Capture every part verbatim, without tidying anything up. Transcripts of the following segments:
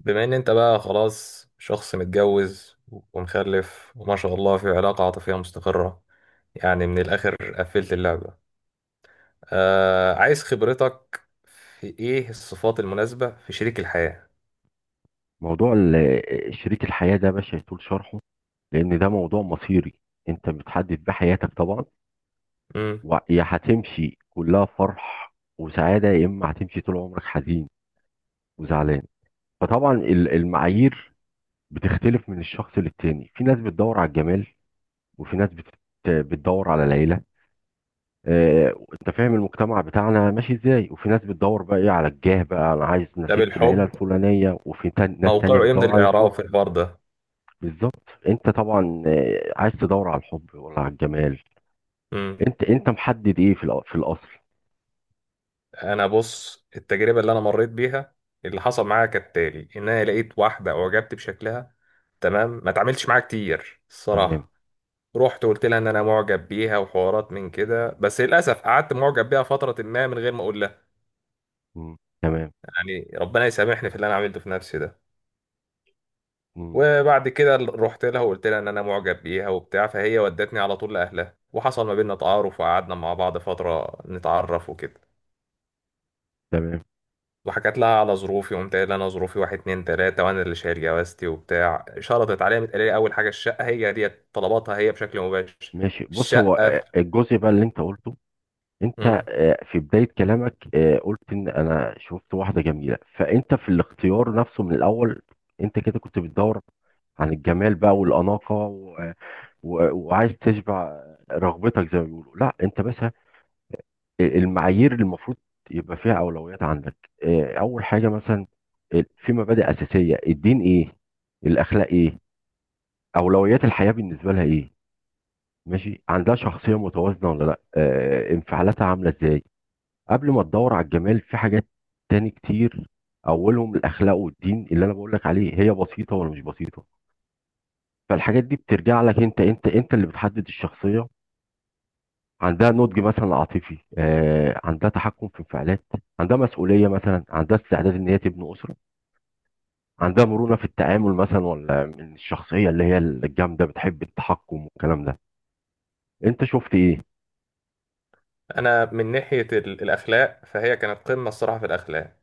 بما ان انت بقى خلاص شخص متجوز ومخلف وما شاء الله في علاقة عاطفية مستقرة. يعني من الاخر قفلت اللعبة. آه عايز خبرتك في ايه الصفات المناسبة في شريك الحياة. موضوع ال- آه، شريك الحياة ده مش هيطول شرحه، لأن ده موضوع مصيري. أنت بتحدد بيه حياتك طبعا، امم ويا هتمشي كلها فرح وسعادة يا إما هتمشي طول عمرك حزين وزعلان. فطبعا ال- المعايير بتختلف من الشخص للتاني. في ناس بتدور على الجمال وفي ناس بت- بتدور على العيلة. آه، أنت فاهم المجتمع بتاعنا ماشي إزاي، وفي ناس بتدور بقى إيه على الجاه، بقى أنا عايز ده نسيبة العيلة بالحب، الفلانية، وفي تان- ناس تانية موقعه ايه من بتدور على الحب. الاعراب في الحوار ده؟ بالظبط. انت طبعا آه، عايز تدور على الحب ولا على الجمال؟ امم انت انت محدد ايه في الأ- في الاصل؟ انا بص، التجربة اللي انا مريت بيها، اللي حصل معايا كالتالي ان انا لقيت واحدة اعجبت بشكلها. تمام، ما اتعاملتش معاها كتير تمام. الصراحة. رحت وقلت لها ان انا معجب بيها وحوارات من كده، بس للاسف قعدت معجب بيها فتره ما من غير ما اقول لها. مم. تمام. يعني ربنا يسامحني في اللي انا عملته في نفسي ده. مم. وبعد كده رحت لها وقلت لها ان انا معجب بيها وبتاع، فهي ودتني على طول لاهلها وحصل ما بيننا تعارف وقعدنا مع بعض فتره نتعرف وكده. تمام. وحكت لها على ظروفي، وقمت قايل لها انا ظروفي واحد اتنين تلاته وانا اللي شايل جوازتي وبتاع. شرطت عليا، قالت لي اول حاجه الشقه، هي ديت طلباتها هي بشكل مباشر. ماشي، بص هو الشقه. آه، الجزء بقى اللي انت قلته. انت مم. آه، في بداية كلامك آه، قلت ان انا شفت واحدة جميلة، فانت في الاختيار نفسه من الاول. انت كده كنت بتدور عن الجمال بقى والأناقة و... و... وعايز تشبع رغبتك زي ما بيقولوا، لا انت بس المعايير اللي المفروض يبقى فيها اولويات عندك. آه، اول حاجه مثلا آه، في مبادئ اساسيه، الدين ايه، الاخلاق ايه، اولويات الحياه بالنسبه لها ايه، ماشي عندها شخصيه متوازنه ولا لا، آه، انفعالاتها عامله ازاي. قبل ما تدور على الجمال في حاجات تاني كتير، اولهم الاخلاق والدين. اللي انا بقول لك عليه، هي بسيطه ولا مش بسيطه؟ فالحاجات دي بترجع لك انت، انت انت اللي بتحدد الشخصيه. عندها نضج مثلا عاطفي، آه، عندها تحكم في انفعالات، عندها مسؤولية مثلا، عندها استعداد ان هي تبني أسرة، عندها مرونة في التعامل مثلا، ولا من الشخصية اللي هي الجامدة بتحب التحكم والكلام ده؟ انت شفت ايه؟ انا من ناحيه ال- الاخلاق، فهي كانت قمه الصراحه في الاخلاق.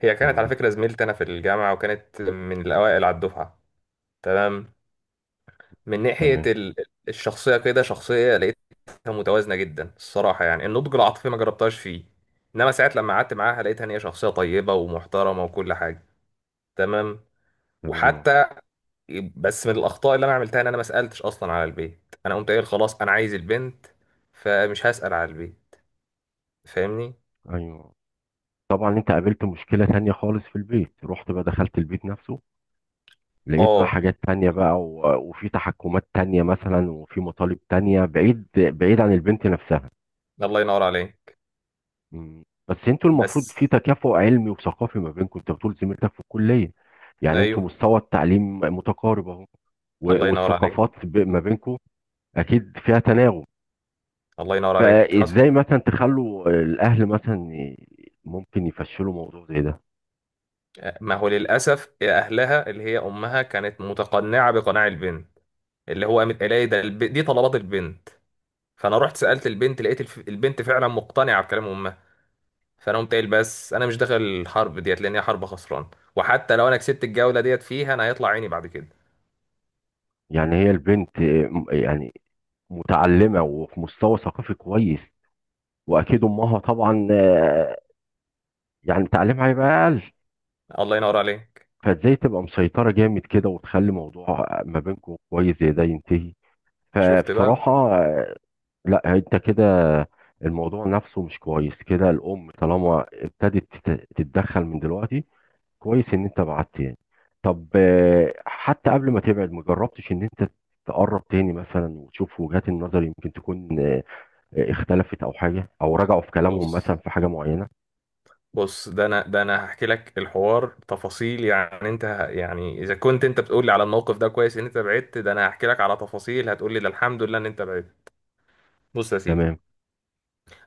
هي كانت على تمام. فكره زميلتي انا في الجامعه، وكانت من الاوائل على الدفعه. تمام. من ناحيه تمام. ال- الشخصيه، كده شخصيه لقيتها متوازنه جدا الصراحه. يعني النضج العاطفي ما جربتهاش فيه، انما ساعات لما قعدت معاها لقيتها ان هي شخصيه طيبه ومحترمه وكل حاجه. تمام. تمام. آه، وحتى، بس من الاخطاء اللي انا عملتها ان انا ما سالتش اصلا على البيت، انا قمت قايل خلاص انا عايز البنت فمش هسال على البيت، فاهمني. ايوه. طبعا انت قابلت مشكلة تانية خالص في البيت. رحت بقى دخلت البيت نفسه، لقيت بقى اه. حاجات تانية بقى و- وفي تحكمات تانية مثلا، وفي مطالب تانية بعيد بعيد عن البنت نفسها. الله ينور عليك. مم. بس انتوا المفروض بس. في تكافؤ علمي وثقافي ما بينكم. انت بتقول زميلتك في الكليه، يعني انتوا ايوه. مستوى التعليم متقارب اهو، و- الله ينور عليك. والثقافات ب- ما بينكم اكيد فيها تناغم. الله ينور عليك حصل. فازاي مثلا تخلوا الاهل مثلا ي- ممكن يفشلوا موضوع زي ده؟ ما هو للاسف اهلها، اللي هي امها، كانت متقنعه بقناع البنت، اللي هو قامت قايله لي ده الب... دي طلبات البنت. فانا رحت سالت البنت، لقيت الف... البنت فعلا مقتنعه بكلام امها. فانا قمت قايل بس انا مش داخل الحرب ديت لان هي حرب خسران، وحتى لو انا كسبت الجوله ديت فيها انا هيطلع عيني بعد كده. يعني هي البنت آه، م- يعني متعلمه وفي مستوى ثقافي كويس، واكيد امها طبعا آه، يعني تعليمها هيبقى اقل. الله ينور عليك. فازاي تبقى مسيطره جامد كده وتخلي موضوع ما بينكم كويس زي ده ينتهي؟ شفت بقى. فبصراحة آه، لا انت كده الموضوع نفسه مش كويس كده. الام طالما ابتدت تت- تتدخل من دلوقتي، كويس ان انت بعدت يعني. طب آه، حتى قبل ما تبعد، ما جربتش ان انت تقرب تاني مثلا وتشوف وجهات النظر، يمكن تكون آه، آه، اختلفت او حاجة او رجعوا في كلامهم بص مثلا في حاجة معينة؟ بص، ده انا، ده انا هحكي لك الحوار تفاصيل. يعني انت ه- يعني اذا كنت انت بتقول لي على الموقف ده كويس ان انت بعدت، ده انا هحكي لك على تفاصيل هتقول لي ده الحمد لله ان انت بعدت. بص يا سيدي، تمام.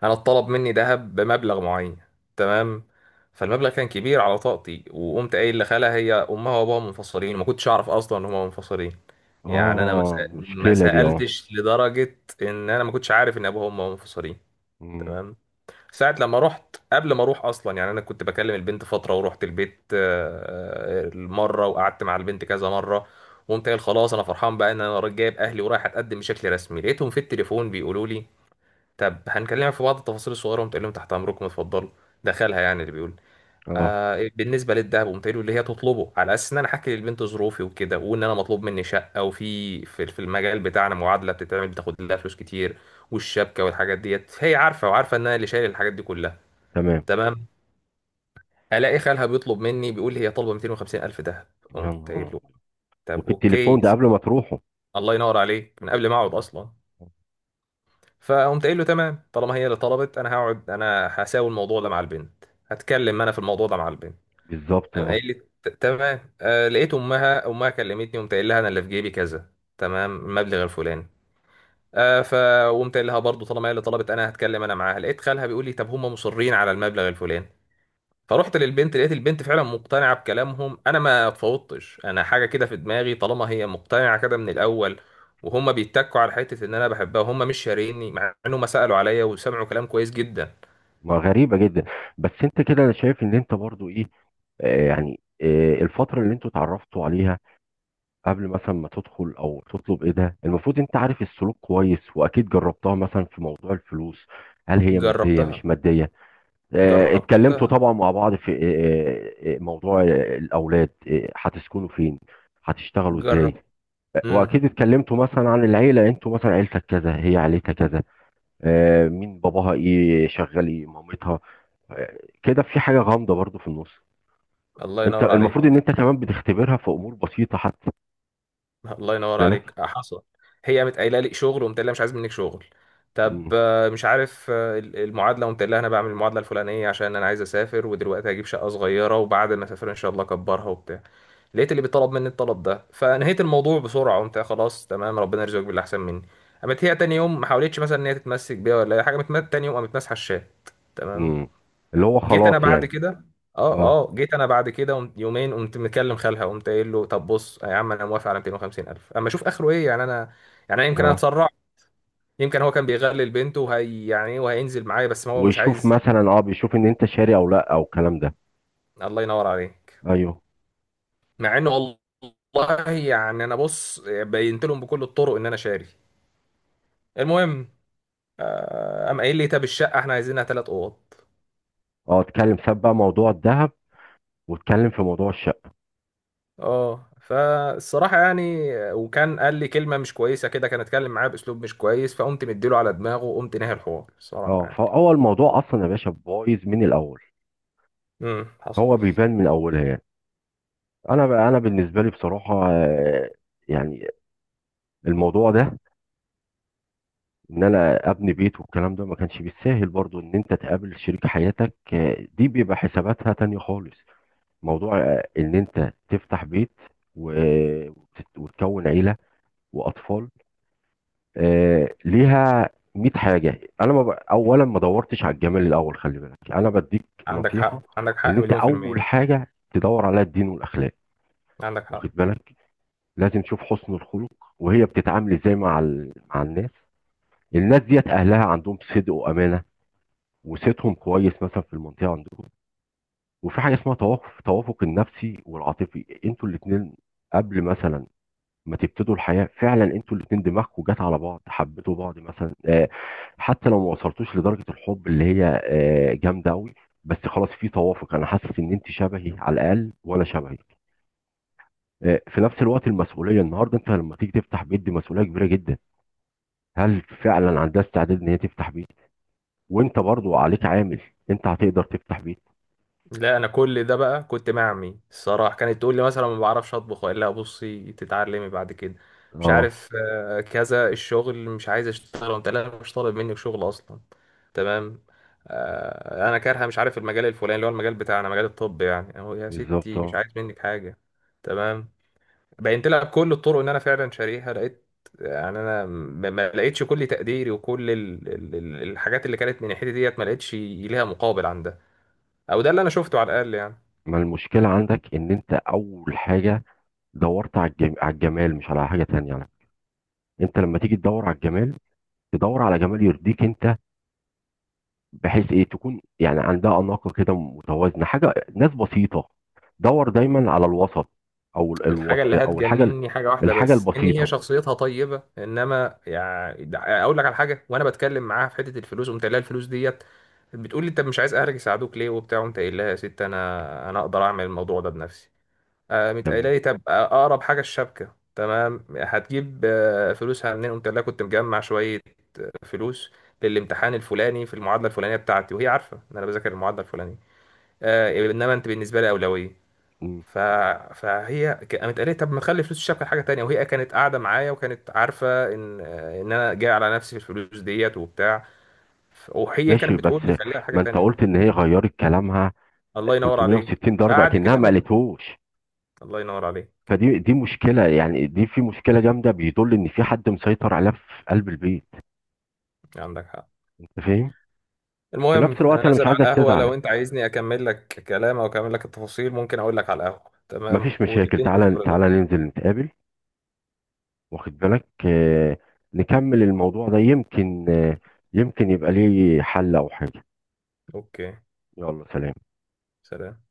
انا اتطلب مني ذهب بمبلغ معين، تمام. فالمبلغ كان كبير على طاقتي، وقمت قايل لخالها. هي امها وابوها منفصلين، ما كنتش اعرف اصلا ان هما منفصلين. يعني انا ما اه، سأ- ما مشكلة دي اه. سالتش، لدرجه ان انا ما كنتش عارف ان ابوها وامها منفصلين. مم. تمام. ساعة لما رحت، قبل ما اروح اصلا، يعني انا كنت بكلم البنت فترة ورحت البيت آه، آه، مرة وقعدت مع البنت كذا مرة. وقمت قايل خلاص انا فرحان بقى ان انا رايح- جايب اهلي ورايح اتقدم بشكل رسمي. لقيتهم في التليفون بيقولوا لي طب هنكلمك في بعض التفاصيل الصغيرة. قمت قايل لهم تحت امركم اتفضلوا، دخلها يعني اللي بيقول. اه. آه بالنسبة للدهب قمت قايل له اللي هي تطلبه، على اساس ان انا احكي للبنت ظروفي وكده، وان انا مطلوب مني شقة، وفي في في المجال بتاعنا معادلة بتتعمل بتاخد لها فلوس كتير. والشبكة والحاجات ديت هي عارفة، وعارفة ان انا اللي شايل الحاجات دي كلها. تمام. تمام. الاقي خالها بيطلب مني، بيقول لي هي طالبه مئتين وخمسين الف دهب. يا قمت نهار قايل له أبيض. طب وفي اوكي. التليفون ده قبل ما تروحوا؟ الله ينور عليك، من قبل ما اقعد اصلا. فقمت قايل له تمام، طالما هي اللي طلبت انا هقعد، انا هساوي الموضوع ده مع البنت، هتكلم انا في الموضوع ده مع البنت. بالظبط قام اه. قايل لي "ت- تمام". آه لقيت امها امها كلمتني، قمت قايل لها انا اللي في جيبي كذا، تمام، المبلغ الفلاني. آه فقمت قايل لها برضه طالما هي اللي طلبت انا هتكلم انا معاها. لقيت خالها بيقول لي طب هم مصرين على المبلغ الفلاني. فروحت للبنت لقيت البنت فعلا مقتنعة بكلامهم. انا ما اتفوضتش انا حاجة كده في دماغي، طالما هي مقتنعة كده من الاول، وهم بيتكوا على حتة ان انا بحبها وهم مش شاريني، مع انهم سألوا عليا وسمعوا كلام كويس جدا. ما غريبة جدا. بس انت كده انا شايف ان انت برضو ايه، آه يعني آه الفترة اللي انتوا اتعرفتوا عليها قبل مثلا ما تدخل او تطلب ايه ده، المفروض انت عارف السلوك كويس، واكيد جربتها مثلا في موضوع الفلوس، هل هي مادية جربتها. مش مادية. آه اتكلمتوا جربتها. طبعا مع بعض في آه آه آه، موضوع آه، الاولاد، آه هتسكنوا فين، هتشتغلوا ازاي. جرب. آه، امم واكيد اتكلمتوا مثلا عن العيلة، انتوا مثلا عيلتك كذا هي عيلتها كذا، آه، مين باباها، ايه شغال، ايه مامتها. كده في حاجه غامضه برضو في النص. الله انت ينور المفروض ان عليك. انت كمان بتختبرها في امور بسيطه حتى خد الله ينور بالك. عليك، آه، حصل. هي قامت قايله لي شغل، وقمت قايل لها مش عايز منك شغل. طب مم. آه، مش عارف، آه، ال- المعادله، وقمت قايل لها انا بعمل المعادله الفلانيه عشان انا عايز اسافر، ودلوقتي هجيب شقه صغيره وبعد ما اسافر ان شاء الله اكبرها وبتاع. لقيت اللي بيطلب مني الطلب ده، فنهيت الموضوع بسرعه، قمت قايل خلاص تمام ربنا يرزقك باللي احسن مني. قامت هي تاني يوم ما حاولتش مثلا ان هي تتمسك بيا ولا اي حاجه، قامت تاني يوم قامت ماسحه الشات. تمام. مم. اللي هو جيت خلاص انا بعد يعني. كده. اه، اه. اه، جيت انا بعد كده قمت- يومين، قمت مكلم خالها قمت قايل له طب بص يا عم انا موافق على مئتين وخمسين الف اما اشوف اخره ايه، يعني انا يعني انا يمكن انا اه. اتسرع. يمكن هو كان بيغلل بنته وهي يعني ايه وهينزل معايا، بس ما هو مش ويشوف عايز. مثلا اه، بيشوف ان انت شاري او لا او الكلام ده. الله ينور عليك. ايوه. مع انه والله يعني انا بص بينت لهم بكل الطرق ان انا شاري. المهم، آه، قام قايل لي طب الشقه احنا عايزينها ثلاث اوض. اه، اتكلم ساب بقى موضوع الذهب واتكلم في موضوع الشقه. اه، فالصراحة يعني، وكان قال لي كلمة مش كويسة كده، كان اتكلم معايا بأسلوب مش كويس فقمت مديله على دماغه وقمت نهي الحوار الصراحة اه، يعني. فهو الموضوع اصلا يا باشا بايظ من الاول. امم حصل. هو بيبان من اولها يعني. انا انا بالنسبه لي بصراحه آه، يعني الموضوع ده، ان انا ابني بيت والكلام ده ما كانش بالساهل برضو. ان انت تقابل شريك حياتك آه، دي بيبقى حساباتها تانية خالص. موضوع آه، ان انت تفتح بيت و- وتت- وتكون عيلة واطفال آه، ليها مية حاجة. انا ما ب... اولا ما دورتش على الجمال الاول. خلي بالك انا بديك عندك حق، نصيحة، عندك ان حق انت مليون في اول المية، حاجة تدور عليها الدين والاخلاق، عندك حق. واخد بالك، لازم تشوف حسن الخلق وهي بتتعامل ازاي مع ال... مع الناس، الناس ديت اهلها عندهم صدق وامانة وصيتهم كويس مثلا في المنطقه عندكم. وفي حاجه اسمها توافق، التوافق النفسي والعاطفي انتوا الاثنين قبل مثلا ما تبتدوا الحياه. فعلا انتوا الاثنين دماغكم جت على بعض، حبيتوا بعض مثلا آه، حتى لو ما وصلتوش لدرجه الحب اللي هي آه، جامده قوي، بس خلاص في توافق، انا حاسس ان انت شبهي على الاقل وانا شبهك. آه، في نفس الوقت المسؤوليه. النهارده انت لما تيجي تفتح بيت دي مسؤوليه كبيره جدا. هل فعلا عندها استعداد ان هي تفتح بيت؟ وانت برضو عليك عامل، انت هتقدر تفتح بيت؟ لا، انا كل ده بقى كنت مع امي الصراحه، كانت تقول لي مثلا ما بعرفش اطبخ، اقول لها بصي تتعلمي بعد كده، مش اه. عارف، آه، كذا. الشغل مش عايز اشتغل، وانت لا مش طالب منك شغل اصلا، تمام. آه، انا كارهه مش عارف المجال الفلاني، اللي هو المجال بتاعنا مجال الطب، يعني اهو يا بالظبط ستي مش اه. عايز منك حاجه. تمام. بينت لها بكل الطرق ان انا فعلا شاريها. لقيت يعني انا ما ما لقيتش كل تقديري وكل ال- ال- ال- الحاجات اللي كانت من ناحيتي ديت ما لقيتش ليها مقابل عندها، او ده اللي انا شفته على الاقل يعني. ما المشكلة عندك ان انت اول حاجة دورت على الجم... على الجمال مش على حاجة تانية على فكرة. انت لما تيجي تدور على الجمال، تدور على جمال يرضيك انت، بحيث ايه تكون يعني عندها اناقة كده متوازنة، حاجة ناس بسيطة. دور دايما على الوسط او ال- الحاجة الوسط اللي او الحاجة ال- هتجنني حاجة واحدة الحاجة بس إن هي البسيطة. شخصيتها طيبة، إنما يعني ده- أقول لك على حاجة، وأنا بتكلم معاها في حتة الفلوس قمت قايل لها الفلوس ديت، بتقول لي أنت مش عايز أهلك يساعدوك ليه وبتاع، قمت قايل لها يا ست أنا أنا أقدر أعمل الموضوع ده بنفسي. آه، قامت قايلة تمام. لي طب أقرب حاجة الشبكة، تمام هتجيب آه، فلوسها منين، قمت قايل لها كنت مجمع شوية فلوس للامتحان الفلاني في المعادلة الفلانية بتاعتي، وهي عارفة إن أنا بذاكر المعادلة الفلانية. آه، إنما أنت بالنسبة لي أولوية. مم. ف... فهي ك- قامت قالت لي طب ما تخلي فلوس الشبكه لحاجه تانية. وهي كانت قاعده معايا وكانت عارفه ان ان انا جاي على نفسي في الفلوس ديت وبتاع. ف- وهي ماشي، كانت بتقول بس لي خليها لحاجه ما انت تانية. قلت ان هي غيرت كلامها الله ينور عليك. تلت مية وستين درجة بعد كده اكنها ما قامت. قالتهوش. الله ينور عليك. فدي دي مشكلة يعني، دي في مشكلة جامدة، بيدل إن في حد مسيطر عليها في قلب البيت. عندك حق. أنت فاهم؟ في المهم نفس انا الوقت أنا مش نازل على عايزك القهوه، تزعل، لو انت عايزني اكمل لك كلام او اكمل لك التفاصيل ممكن اقول لك على القهوه، تمام، مفيش مشاكل. وتديني من تعالى تعالى خبرتك. ننزل نتقابل، واخد بالك آه، نكمل الموضوع ده، يمكن آه، يمكن يبقى ليه حل أو حاجة. اوكي يلا سلام. سلام.